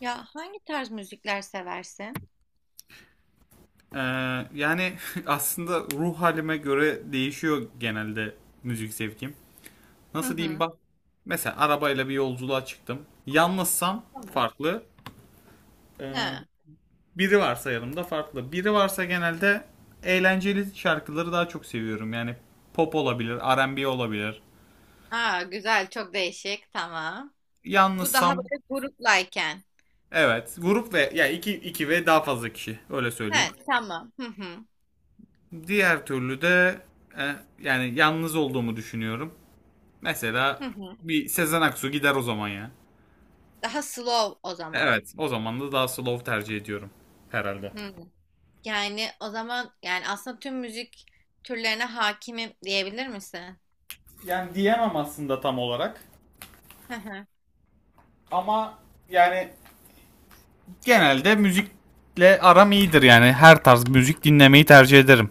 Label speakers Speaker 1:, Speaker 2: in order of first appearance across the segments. Speaker 1: Ya hangi tarz müzikler seversin?
Speaker 2: Ee, yani aslında ruh halime göre değişiyor genelde müzik zevkim.
Speaker 1: Hı
Speaker 2: Nasıl diyeyim
Speaker 1: hı.
Speaker 2: bak. Mesela arabayla bir yolculuğa çıktım. Yalnızsam
Speaker 1: Tamam.
Speaker 2: farklı. Ee,
Speaker 1: Ha.
Speaker 2: Biri varsa yanımda farklı. Biri varsa genelde eğlenceli şarkıları daha çok seviyorum. Yani pop olabilir, R&B olabilir.
Speaker 1: Aa, güzel, çok değişik, tamam. Bu daha
Speaker 2: Yalnızsam
Speaker 1: böyle gruplayken.
Speaker 2: evet grup ve ya iki ve daha fazla kişi öyle söyleyeyim.
Speaker 1: Evet, tamam. Hı hı.
Speaker 2: Diğer türlü de e, yani yalnız olduğumu düşünüyorum. Mesela
Speaker 1: Hı hı.
Speaker 2: bir Sezen Aksu gider o zaman ya.
Speaker 1: Daha slow o zaman.
Speaker 2: Evet, o zaman da daha slow tercih ediyorum herhalde.
Speaker 1: Hı. Yani o zaman yani aslında tüm müzik türlerine hakimim diyebilir misin?
Speaker 2: Yani diyemem aslında tam olarak
Speaker 1: Hı hı.
Speaker 2: ama yani genelde müzikle aram iyidir yani. Her tarz müzik dinlemeyi tercih ederim.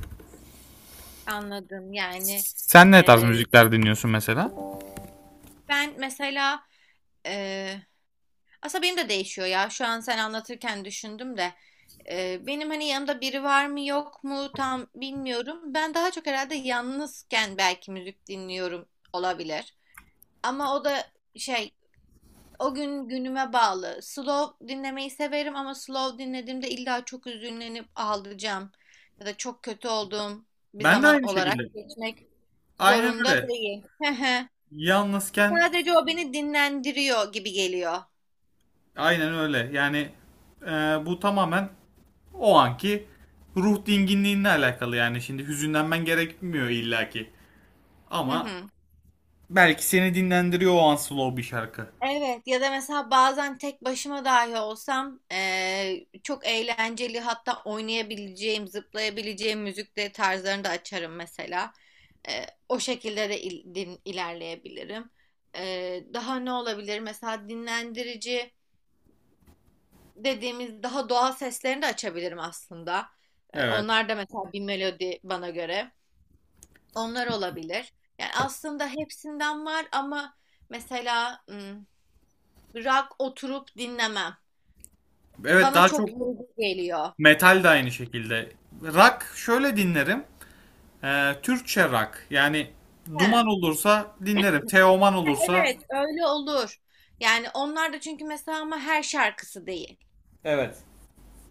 Speaker 1: Anladım.
Speaker 2: Sen ne tarz
Speaker 1: E,
Speaker 2: müzikler dinliyorsun mesela?
Speaker 1: Ben mesela e, aslında benim de değişiyor ya. Şu an sen anlatırken düşündüm de. Benim hani yanımda biri var mı yok mu tam bilmiyorum. Ben daha çok herhalde yalnızken belki müzik dinliyorum, olabilir. Ama o da şey o gün günüme bağlı. Slow dinlemeyi severim ama slow dinlediğimde illa çok üzünlenip ağlayacağım ya da çok kötü olduğum bir
Speaker 2: Ben de
Speaker 1: zaman
Speaker 2: aynı
Speaker 1: olarak
Speaker 2: şekilde.
Speaker 1: geçmek
Speaker 2: Aynen
Speaker 1: zorunda
Speaker 2: öyle.
Speaker 1: değil.
Speaker 2: Yalnızken
Speaker 1: Sadece o beni dinlendiriyor gibi geliyor.
Speaker 2: aynen öyle. Yani e, bu tamamen o anki ruh dinginliğinle alakalı yani. Şimdi hüzünlenmen gerekmiyor illaki. Ama belki seni dinlendiriyor o an slow bir şarkı.
Speaker 1: Evet, ya da mesela bazen tek başıma dahi olsam çok eğlenceli, hatta oynayabileceğim, zıplayabileceğim müzik de tarzlarını da açarım mesela. O şekilde de ilerleyebilirim. Daha ne olabilir? Mesela dinlendirici dediğimiz daha doğal seslerini de açabilirim aslında.
Speaker 2: Evet.
Speaker 1: Onlar da mesela bir melodi bana göre. Onlar olabilir. Yani aslında hepsinden var ama mesela rock oturup dinlemem.
Speaker 2: Evet,
Speaker 1: Bana
Speaker 2: daha
Speaker 1: çok
Speaker 2: çok
Speaker 1: yorucu geliyor.
Speaker 2: metal de aynı şekilde. Rock şöyle dinlerim. Türkçe rock. Yani
Speaker 1: He. Ha,
Speaker 2: Duman olursa dinlerim. Teoman olursa
Speaker 1: evet, öyle olur. Yani onlar da, çünkü mesela, ama her şarkısı değil.
Speaker 2: evet.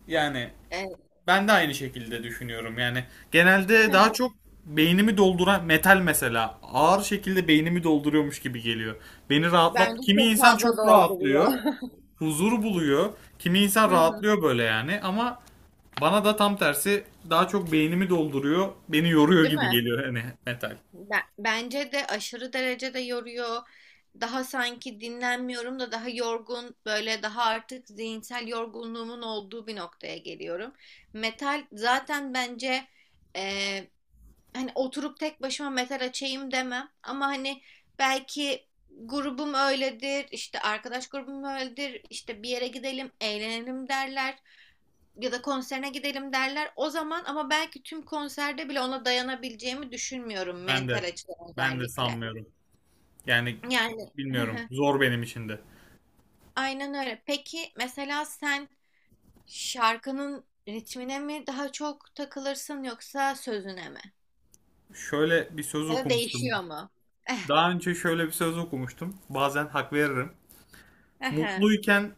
Speaker 2: Yani
Speaker 1: E,
Speaker 2: ben de aynı şekilde düşünüyorum. Yani genelde daha çok beynimi dolduran metal mesela ağır şekilde beynimi dolduruyormuş gibi geliyor. Beni rahatlat.
Speaker 1: Bence
Speaker 2: Kimi
Speaker 1: çok
Speaker 2: insan
Speaker 1: fazla
Speaker 2: çok
Speaker 1: dolduruyor.
Speaker 2: rahatlıyor, huzur buluyor. Kimi insan
Speaker 1: Hı hı.
Speaker 2: rahatlıyor böyle yani, ama bana tam tersi daha çok beynimi dolduruyor, beni yoruyor
Speaker 1: Değil
Speaker 2: gibi
Speaker 1: mi?
Speaker 2: geliyor hani metal.
Speaker 1: Bence de aşırı derecede yoruyor. Daha sanki dinlenmiyorum da daha yorgun, böyle daha artık zihinsel yorgunluğumun olduğu bir noktaya geliyorum. Metal zaten bence, hani oturup tek başıma metal açayım demem, ama hani belki grubum öyledir işte, arkadaş grubum öyledir işte, bir yere gidelim eğlenelim derler ya da konserine gidelim derler o zaman, ama belki tüm konserde bile ona dayanabileceğimi düşünmüyorum
Speaker 2: Ben
Speaker 1: mental
Speaker 2: de
Speaker 1: açıdan
Speaker 2: ben de
Speaker 1: özellikle
Speaker 2: sanmıyorum. Yani
Speaker 1: yani.
Speaker 2: bilmiyorum. Zor benim için de.
Speaker 1: Aynen öyle. Peki mesela sen şarkının ritmine mi daha çok takılırsın yoksa sözüne mi,
Speaker 2: Şöyle bir söz
Speaker 1: ya da
Speaker 2: okumuştum.
Speaker 1: değişiyor mu? Eh,
Speaker 2: Daha önce şöyle bir söz okumuştum. Bazen hak veririm.
Speaker 1: ehe.
Speaker 2: Mutluyken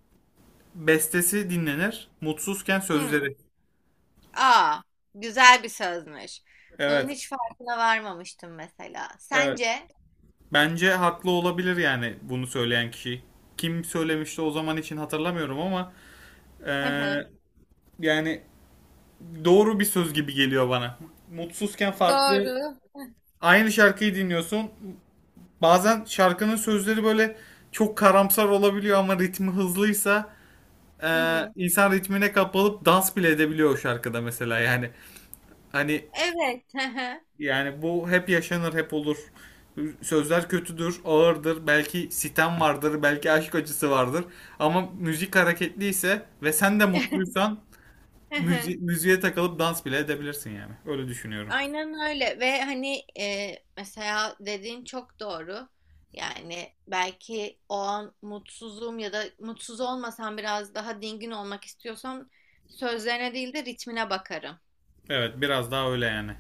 Speaker 2: bestesi dinlenir, mutsuzken
Speaker 1: Hmm.
Speaker 2: sözleri.
Speaker 1: Aa, güzel bir sözmüş. Bunun
Speaker 2: Evet,
Speaker 1: hiç farkına varmamıştım mesela.
Speaker 2: evet.
Speaker 1: Sence?
Speaker 2: Bence haklı olabilir yani bunu söyleyen kişi. Kim söylemişti o zaman için hatırlamıyorum ama
Speaker 1: Hı
Speaker 2: Ee,
Speaker 1: hı.
Speaker 2: yani doğru bir söz gibi geliyor bana. Mutsuzken farklı
Speaker 1: Doğru.
Speaker 2: aynı şarkıyı dinliyorsun. Bazen şarkının sözleri böyle çok karamsar olabiliyor ama ritmi hızlıysa
Speaker 1: Hı hı.
Speaker 2: insan ritmine kapılıp dans bile edebiliyor o şarkıda mesela yani. Hani
Speaker 1: Evet. Hı hı.
Speaker 2: yani bu hep yaşanır, hep olur. Sözler kötüdür, ağırdır, belki sitem vardır, belki aşk acısı vardır. Ama müzik hareketliyse ve sen de mutluysan
Speaker 1: Hı hı.
Speaker 2: müziğe takılıp dans bile edebilirsin yani. Öyle düşünüyorum.
Speaker 1: Aynen öyle. Ve hani mesela dediğin çok doğru. Yani belki o an mutsuzum ya da mutsuz olmasam biraz daha dingin olmak istiyorsam, sözlerine değil de ritmine bakarım.
Speaker 2: Evet, biraz daha öyle yani.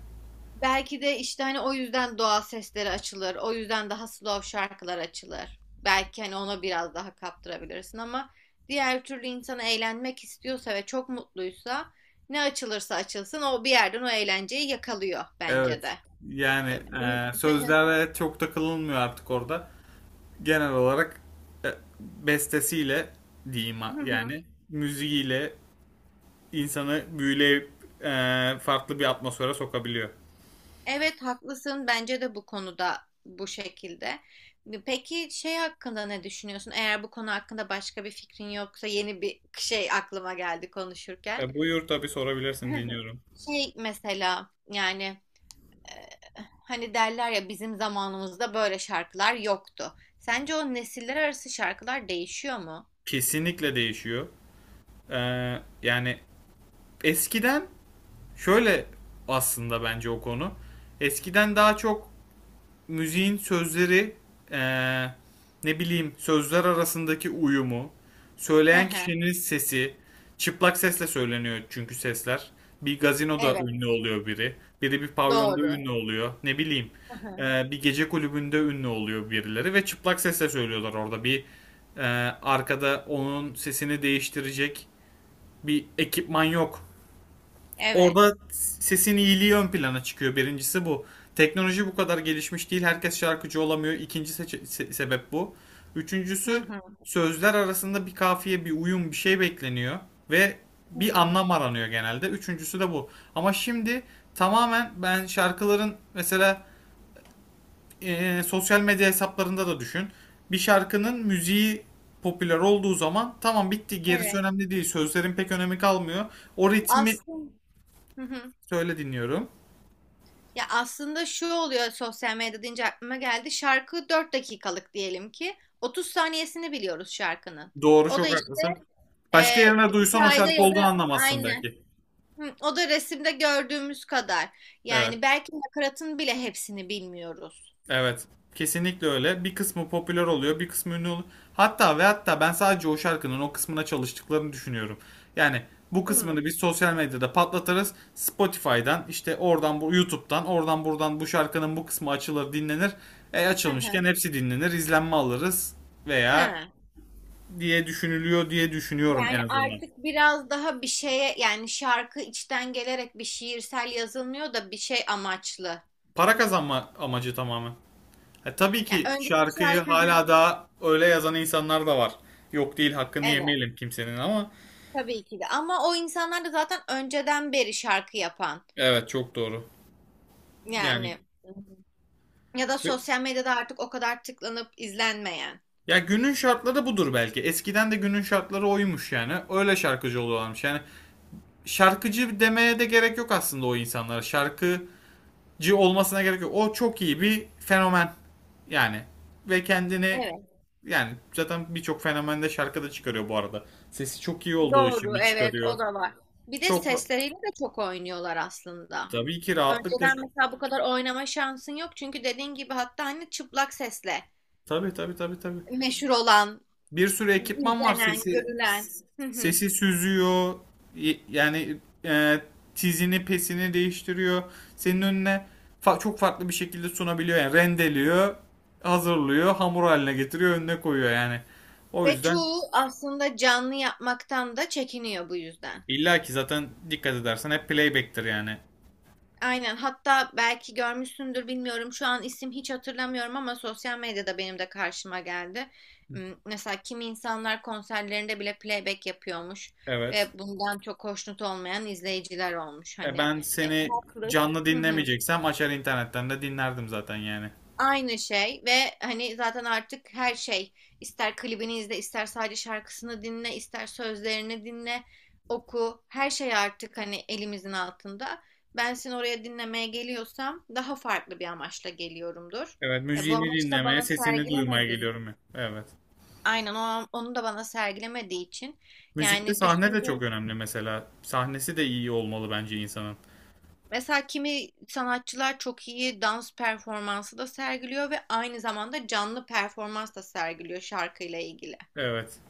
Speaker 1: Belki de işte hani o yüzden doğal sesleri açılır. O yüzden daha slow şarkılar açılır. Belki hani ona biraz daha kaptırabilirsin ama diğer türlü insan eğlenmek istiyorsa ve çok mutluysa ne açılırsa açılsın o bir yerden o eğlenceyi yakalıyor bence
Speaker 2: Evet.
Speaker 1: de.
Speaker 2: Yani
Speaker 1: E, bu-
Speaker 2: sözlere çok takılınmıyor artık orada. Genel olarak e, bestesiyle diyeyim yani müziğiyle insanı büyüleyip e, farklı bir atmosfere sokabiliyor.
Speaker 1: Evet, haklısın, bence de bu konuda bu şekilde. Peki şey hakkında ne düşünüyorsun? Eğer bu konu hakkında başka bir fikrin yoksa yeni bir şey aklıma geldi konuşurken.
Speaker 2: E, buyur tabii sorabilirsin, dinliyorum.
Speaker 1: Şey mesela, hani derler ya, bizim zamanımızda böyle şarkılar yoktu. Sence o nesiller arası şarkılar değişiyor mu?
Speaker 2: Kesinlikle değişiyor. E, yani eskiden şöyle, aslında bence o konu. Eskiden daha çok müziğin sözleri, eee, ne bileyim, sözler arasındaki uyumu,
Speaker 1: Hı
Speaker 2: söyleyen
Speaker 1: hı.
Speaker 2: kişinin sesi, çıplak sesle söyleniyor çünkü sesler. Bir gazinoda
Speaker 1: Evet,
Speaker 2: ünlü oluyor biri, biri bir pavyonda
Speaker 1: doğru.
Speaker 2: ünlü oluyor, ne bileyim
Speaker 1: Hı hı.
Speaker 2: bir gece kulübünde ünlü oluyor birileri ve çıplak sesle söylüyorlar orada bir eee, arkada onun sesini değiştirecek bir ekipman yok.
Speaker 1: Evet.
Speaker 2: Orada sesin iyiliği ön plana çıkıyor. Birincisi bu. Teknoloji bu kadar gelişmiş değil. Herkes şarkıcı olamıyor. İkinci sebep bu.
Speaker 1: Hı
Speaker 2: Üçüncüsü
Speaker 1: hı.
Speaker 2: sözler arasında bir kafiye, bir uyum, bir şey bekleniyor. Ve
Speaker 1: Hı
Speaker 2: bir
Speaker 1: hı.
Speaker 2: anlam aranıyor genelde. Üçüncüsü de bu. Ama şimdi tamamen ben şarkıların mesela sosyal medya hesaplarında da düşün. Bir şarkının müziği popüler olduğu zaman tamam bitti, gerisi
Speaker 1: Evet.
Speaker 2: önemli değil. Sözlerin pek önemi kalmıyor. O ritmi
Speaker 1: Aslında. Hı hı.
Speaker 2: söyle dinliyorum.
Speaker 1: Ya aslında şu oluyor, sosyal medya deyince aklıma geldi. Şarkı 4 dakikalık diyelim ki, 30 saniyesini biliyoruz şarkının.
Speaker 2: Doğru,
Speaker 1: O da
Speaker 2: çok
Speaker 1: işte,
Speaker 2: haklısın.
Speaker 1: e,
Speaker 2: Başka yerine duysan o
Speaker 1: hikayede
Speaker 2: şarkı
Speaker 1: ya
Speaker 2: olduğunu
Speaker 1: da
Speaker 2: anlamazsın
Speaker 1: aynı.
Speaker 2: belki.
Speaker 1: Hı, o da resimde gördüğümüz kadar.
Speaker 2: Evet.
Speaker 1: Yani belki nakaratın bile hepsini bilmiyoruz.
Speaker 2: Evet. Kesinlikle öyle. Bir kısmı popüler oluyor, bir kısmı ünlü oluyor. Hatta ve hatta ben sadece o şarkının o kısmına çalıştıklarını düşünüyorum. Yani bu
Speaker 1: Hı.
Speaker 2: kısmını biz sosyal medyada patlatırız. Spotify'dan işte oradan bu YouTube'dan oradan buradan bu şarkının bu kısmı açılır dinlenir. E
Speaker 1: Hı
Speaker 2: açılmışken
Speaker 1: hı.
Speaker 2: hepsi dinlenir, izlenme alırız veya
Speaker 1: Hı.
Speaker 2: diye düşünülüyor diye düşünüyorum en
Speaker 1: Yani
Speaker 2: azından.
Speaker 1: artık biraz daha bir şeye, yani şarkı içten gelerek bir şiirsel yazılmıyor da bir şey amaçlı.
Speaker 2: Para kazanma amacı tamamen. E, tabii ki
Speaker 1: Yani önceki
Speaker 2: şarkıyı
Speaker 1: şarkı. Hı
Speaker 2: hala
Speaker 1: hı.
Speaker 2: daha öyle yazan insanlar da var. Yok değil, hakkını
Speaker 1: Evet,
Speaker 2: yemeyelim kimsenin, ama
Speaker 1: tabii ki de, ama o insanlar da zaten önceden beri şarkı yapan,
Speaker 2: evet, çok doğru. Yani
Speaker 1: yani ya da sosyal medyada artık o kadar tıklanıp izlenmeyen.
Speaker 2: ya günün şartları budur belki. Eskiden de günün şartları oymuş yani. Öyle şarkıcı oluyorlarmış. Yani şarkıcı demeye de gerek yok aslında o insanlara. Şarkıcı olmasına gerek yok. O çok iyi bir fenomen yani. Ve kendini,
Speaker 1: Evet.
Speaker 2: yani zaten birçok fenomende şarkı da çıkarıyor bu arada. Sesi çok iyi olduğu için
Speaker 1: Doğru,
Speaker 2: mi
Speaker 1: evet, o
Speaker 2: çıkarıyor?
Speaker 1: da var. Bir de
Speaker 2: Çok
Speaker 1: sesleriyle de çok oynuyorlar aslında.
Speaker 2: tabii ki rahatlıkla
Speaker 1: Önceden mesela bu kadar oynama şansın yok, çünkü dediğin gibi hatta hani çıplak sesle
Speaker 2: tabii.
Speaker 1: meşhur olan,
Speaker 2: Bir sürü ekipman var.
Speaker 1: izlenen,
Speaker 2: Sesi
Speaker 1: görülen. Hı hı.
Speaker 2: sesi süzüyor. Yani e, tizini pesini değiştiriyor. Senin önüne çok farklı bir şekilde sunabiliyor. Yani rendeliyor, hazırlıyor, hamur haline getiriyor, önüne koyuyor yani. O
Speaker 1: Ve
Speaker 2: yüzden
Speaker 1: çoğu aslında canlı yapmaktan da çekiniyor bu yüzden.
Speaker 2: illa ki zaten dikkat edersen hep playback'tir yani.
Speaker 1: Aynen. Hatta belki görmüşsündür bilmiyorum. Şu an isim hiç hatırlamıyorum ama sosyal medyada benim de karşıma geldi. Mesela kimi insanlar konserlerinde bile playback yapıyormuş
Speaker 2: Evet.
Speaker 1: ve bundan çok hoşnut olmayan izleyiciler olmuş
Speaker 2: E,
Speaker 1: hani.
Speaker 2: ben
Speaker 1: E,
Speaker 2: seni
Speaker 1: haklı.
Speaker 2: canlı dinlemeyeceksem açar internetten de dinlerdim zaten yani.
Speaker 1: Aynı şey. Ve hani zaten artık her şey, ister klibini izle, ister sadece şarkısını dinle, ister sözlerini dinle, oku, her şey artık hani elimizin altında. Ben seni oraya dinlemeye geliyorsam daha farklı bir amaçla geliyorumdur.
Speaker 2: Evet,
Speaker 1: Bu
Speaker 2: müziğini
Speaker 1: amaçı da
Speaker 2: dinlemeye,
Speaker 1: bana
Speaker 2: sesini duymaya
Speaker 1: sergilemediğin,
Speaker 2: geliyorum ya. Evet.
Speaker 1: aynen o, onu da bana sergilemediği için,
Speaker 2: Müzikte
Speaker 1: yani
Speaker 2: sahne de çok
Speaker 1: düşündüğüm,
Speaker 2: önemli mesela. Sahnesi de iyi olmalı bence insanın.
Speaker 1: mesela kimi sanatçılar çok iyi dans performansı da sergiliyor ve aynı zamanda canlı performans da sergiliyor şarkıyla ilgili.
Speaker 2: Evet.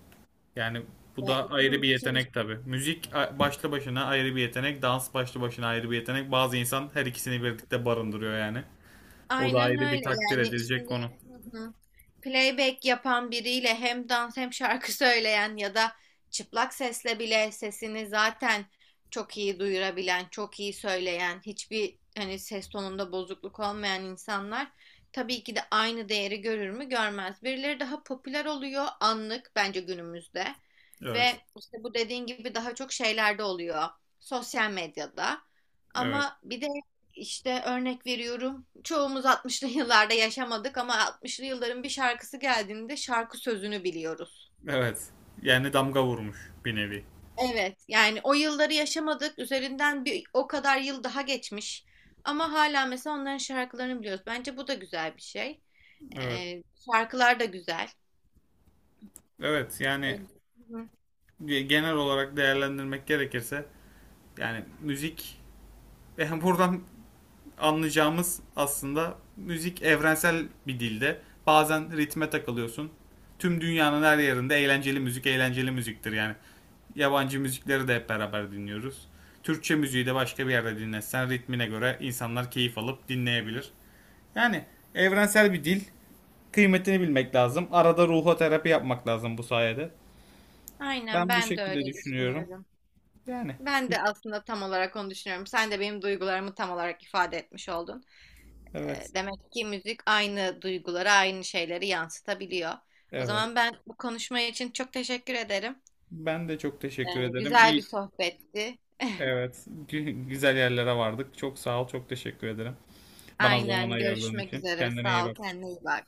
Speaker 2: Yani bu
Speaker 1: Ve-
Speaker 2: da ayrı
Speaker 1: hı,
Speaker 2: bir
Speaker 1: şimdi-
Speaker 2: yetenek tabii. Müzik başlı başına ayrı bir yetenek, dans başlı başına ayrı bir yetenek. Bazı insan her ikisini birlikte barındırıyor yani. O da
Speaker 1: aynen
Speaker 2: ayrı bir
Speaker 1: öyle
Speaker 2: takdir
Speaker 1: yani
Speaker 2: edilecek
Speaker 1: şimdi,
Speaker 2: konu.
Speaker 1: hı hı, playback yapan biriyle hem dans hem şarkı söyleyen ya da çıplak sesle bile sesini zaten çok iyi duyurabilen, çok iyi söyleyen, hiçbir hani ses tonunda bozukluk olmayan insanlar tabii ki de aynı değeri görür mü? Görmez. Birileri daha popüler oluyor anlık bence günümüzde ve
Speaker 2: Evet.
Speaker 1: işte bu dediğin gibi daha çok şeylerde oluyor, sosyal medyada.
Speaker 2: Evet.
Speaker 1: Ama bir de, İşte örnek veriyorum, çoğumuz 60'lı yıllarda yaşamadık ama 60'lı yılların bir şarkısı geldiğinde şarkı sözünü biliyoruz.
Speaker 2: Evet. Yani damga vurmuş bir nevi.
Speaker 1: Evet, yani o yılları yaşamadık. Üzerinden bir o kadar yıl daha geçmiş. Ama hala mesela onların şarkılarını biliyoruz. Bence bu da güzel bir şey.
Speaker 2: Evet.
Speaker 1: Ee, Şarkılar da güzel.
Speaker 2: Evet. Yani
Speaker 1: Evet. Hı hı.
Speaker 2: genel olarak değerlendirmek gerekirse yani müzik yani buradan anlayacağımız aslında müzik evrensel bir dilde. Bazen ritme takılıyorsun. Tüm dünyanın her yerinde eğlenceli müzik eğlenceli müziktir yani. Yabancı müzikleri de hep beraber dinliyoruz. Türkçe müziği de başka bir yerde dinlesen ritmine göre insanlar keyif alıp dinleyebilir. Yani evrensel bir dil. Kıymetini bilmek lazım. Arada ruho terapi yapmak lazım bu sayede.
Speaker 1: Aynen,
Speaker 2: Ben bu
Speaker 1: ben de
Speaker 2: şekilde
Speaker 1: öyle
Speaker 2: düşünüyorum.
Speaker 1: düşünüyorum.
Speaker 2: Yani
Speaker 1: Ben de aslında tam olarak onu düşünüyorum. Sen de benim duygularımı tam olarak ifade etmiş oldun. E,
Speaker 2: evet.
Speaker 1: demek ki müzik aynı duyguları, aynı şeyleri yansıtabiliyor. O
Speaker 2: Evet.
Speaker 1: zaman ben bu konuşma için çok teşekkür ederim.
Speaker 2: Ben de çok
Speaker 1: E,
Speaker 2: teşekkür ederim.
Speaker 1: güzel bir
Speaker 2: İyi,
Speaker 1: sohbetti.
Speaker 2: evet, güzel yerlere vardık. Çok sağ ol, çok teşekkür ederim. Bana zaman
Speaker 1: Aynen,
Speaker 2: ayırdığın
Speaker 1: görüşmek
Speaker 2: için.
Speaker 1: üzere.
Speaker 2: Kendine iyi
Speaker 1: Sağ ol,
Speaker 2: bak.
Speaker 1: kendine iyi bak.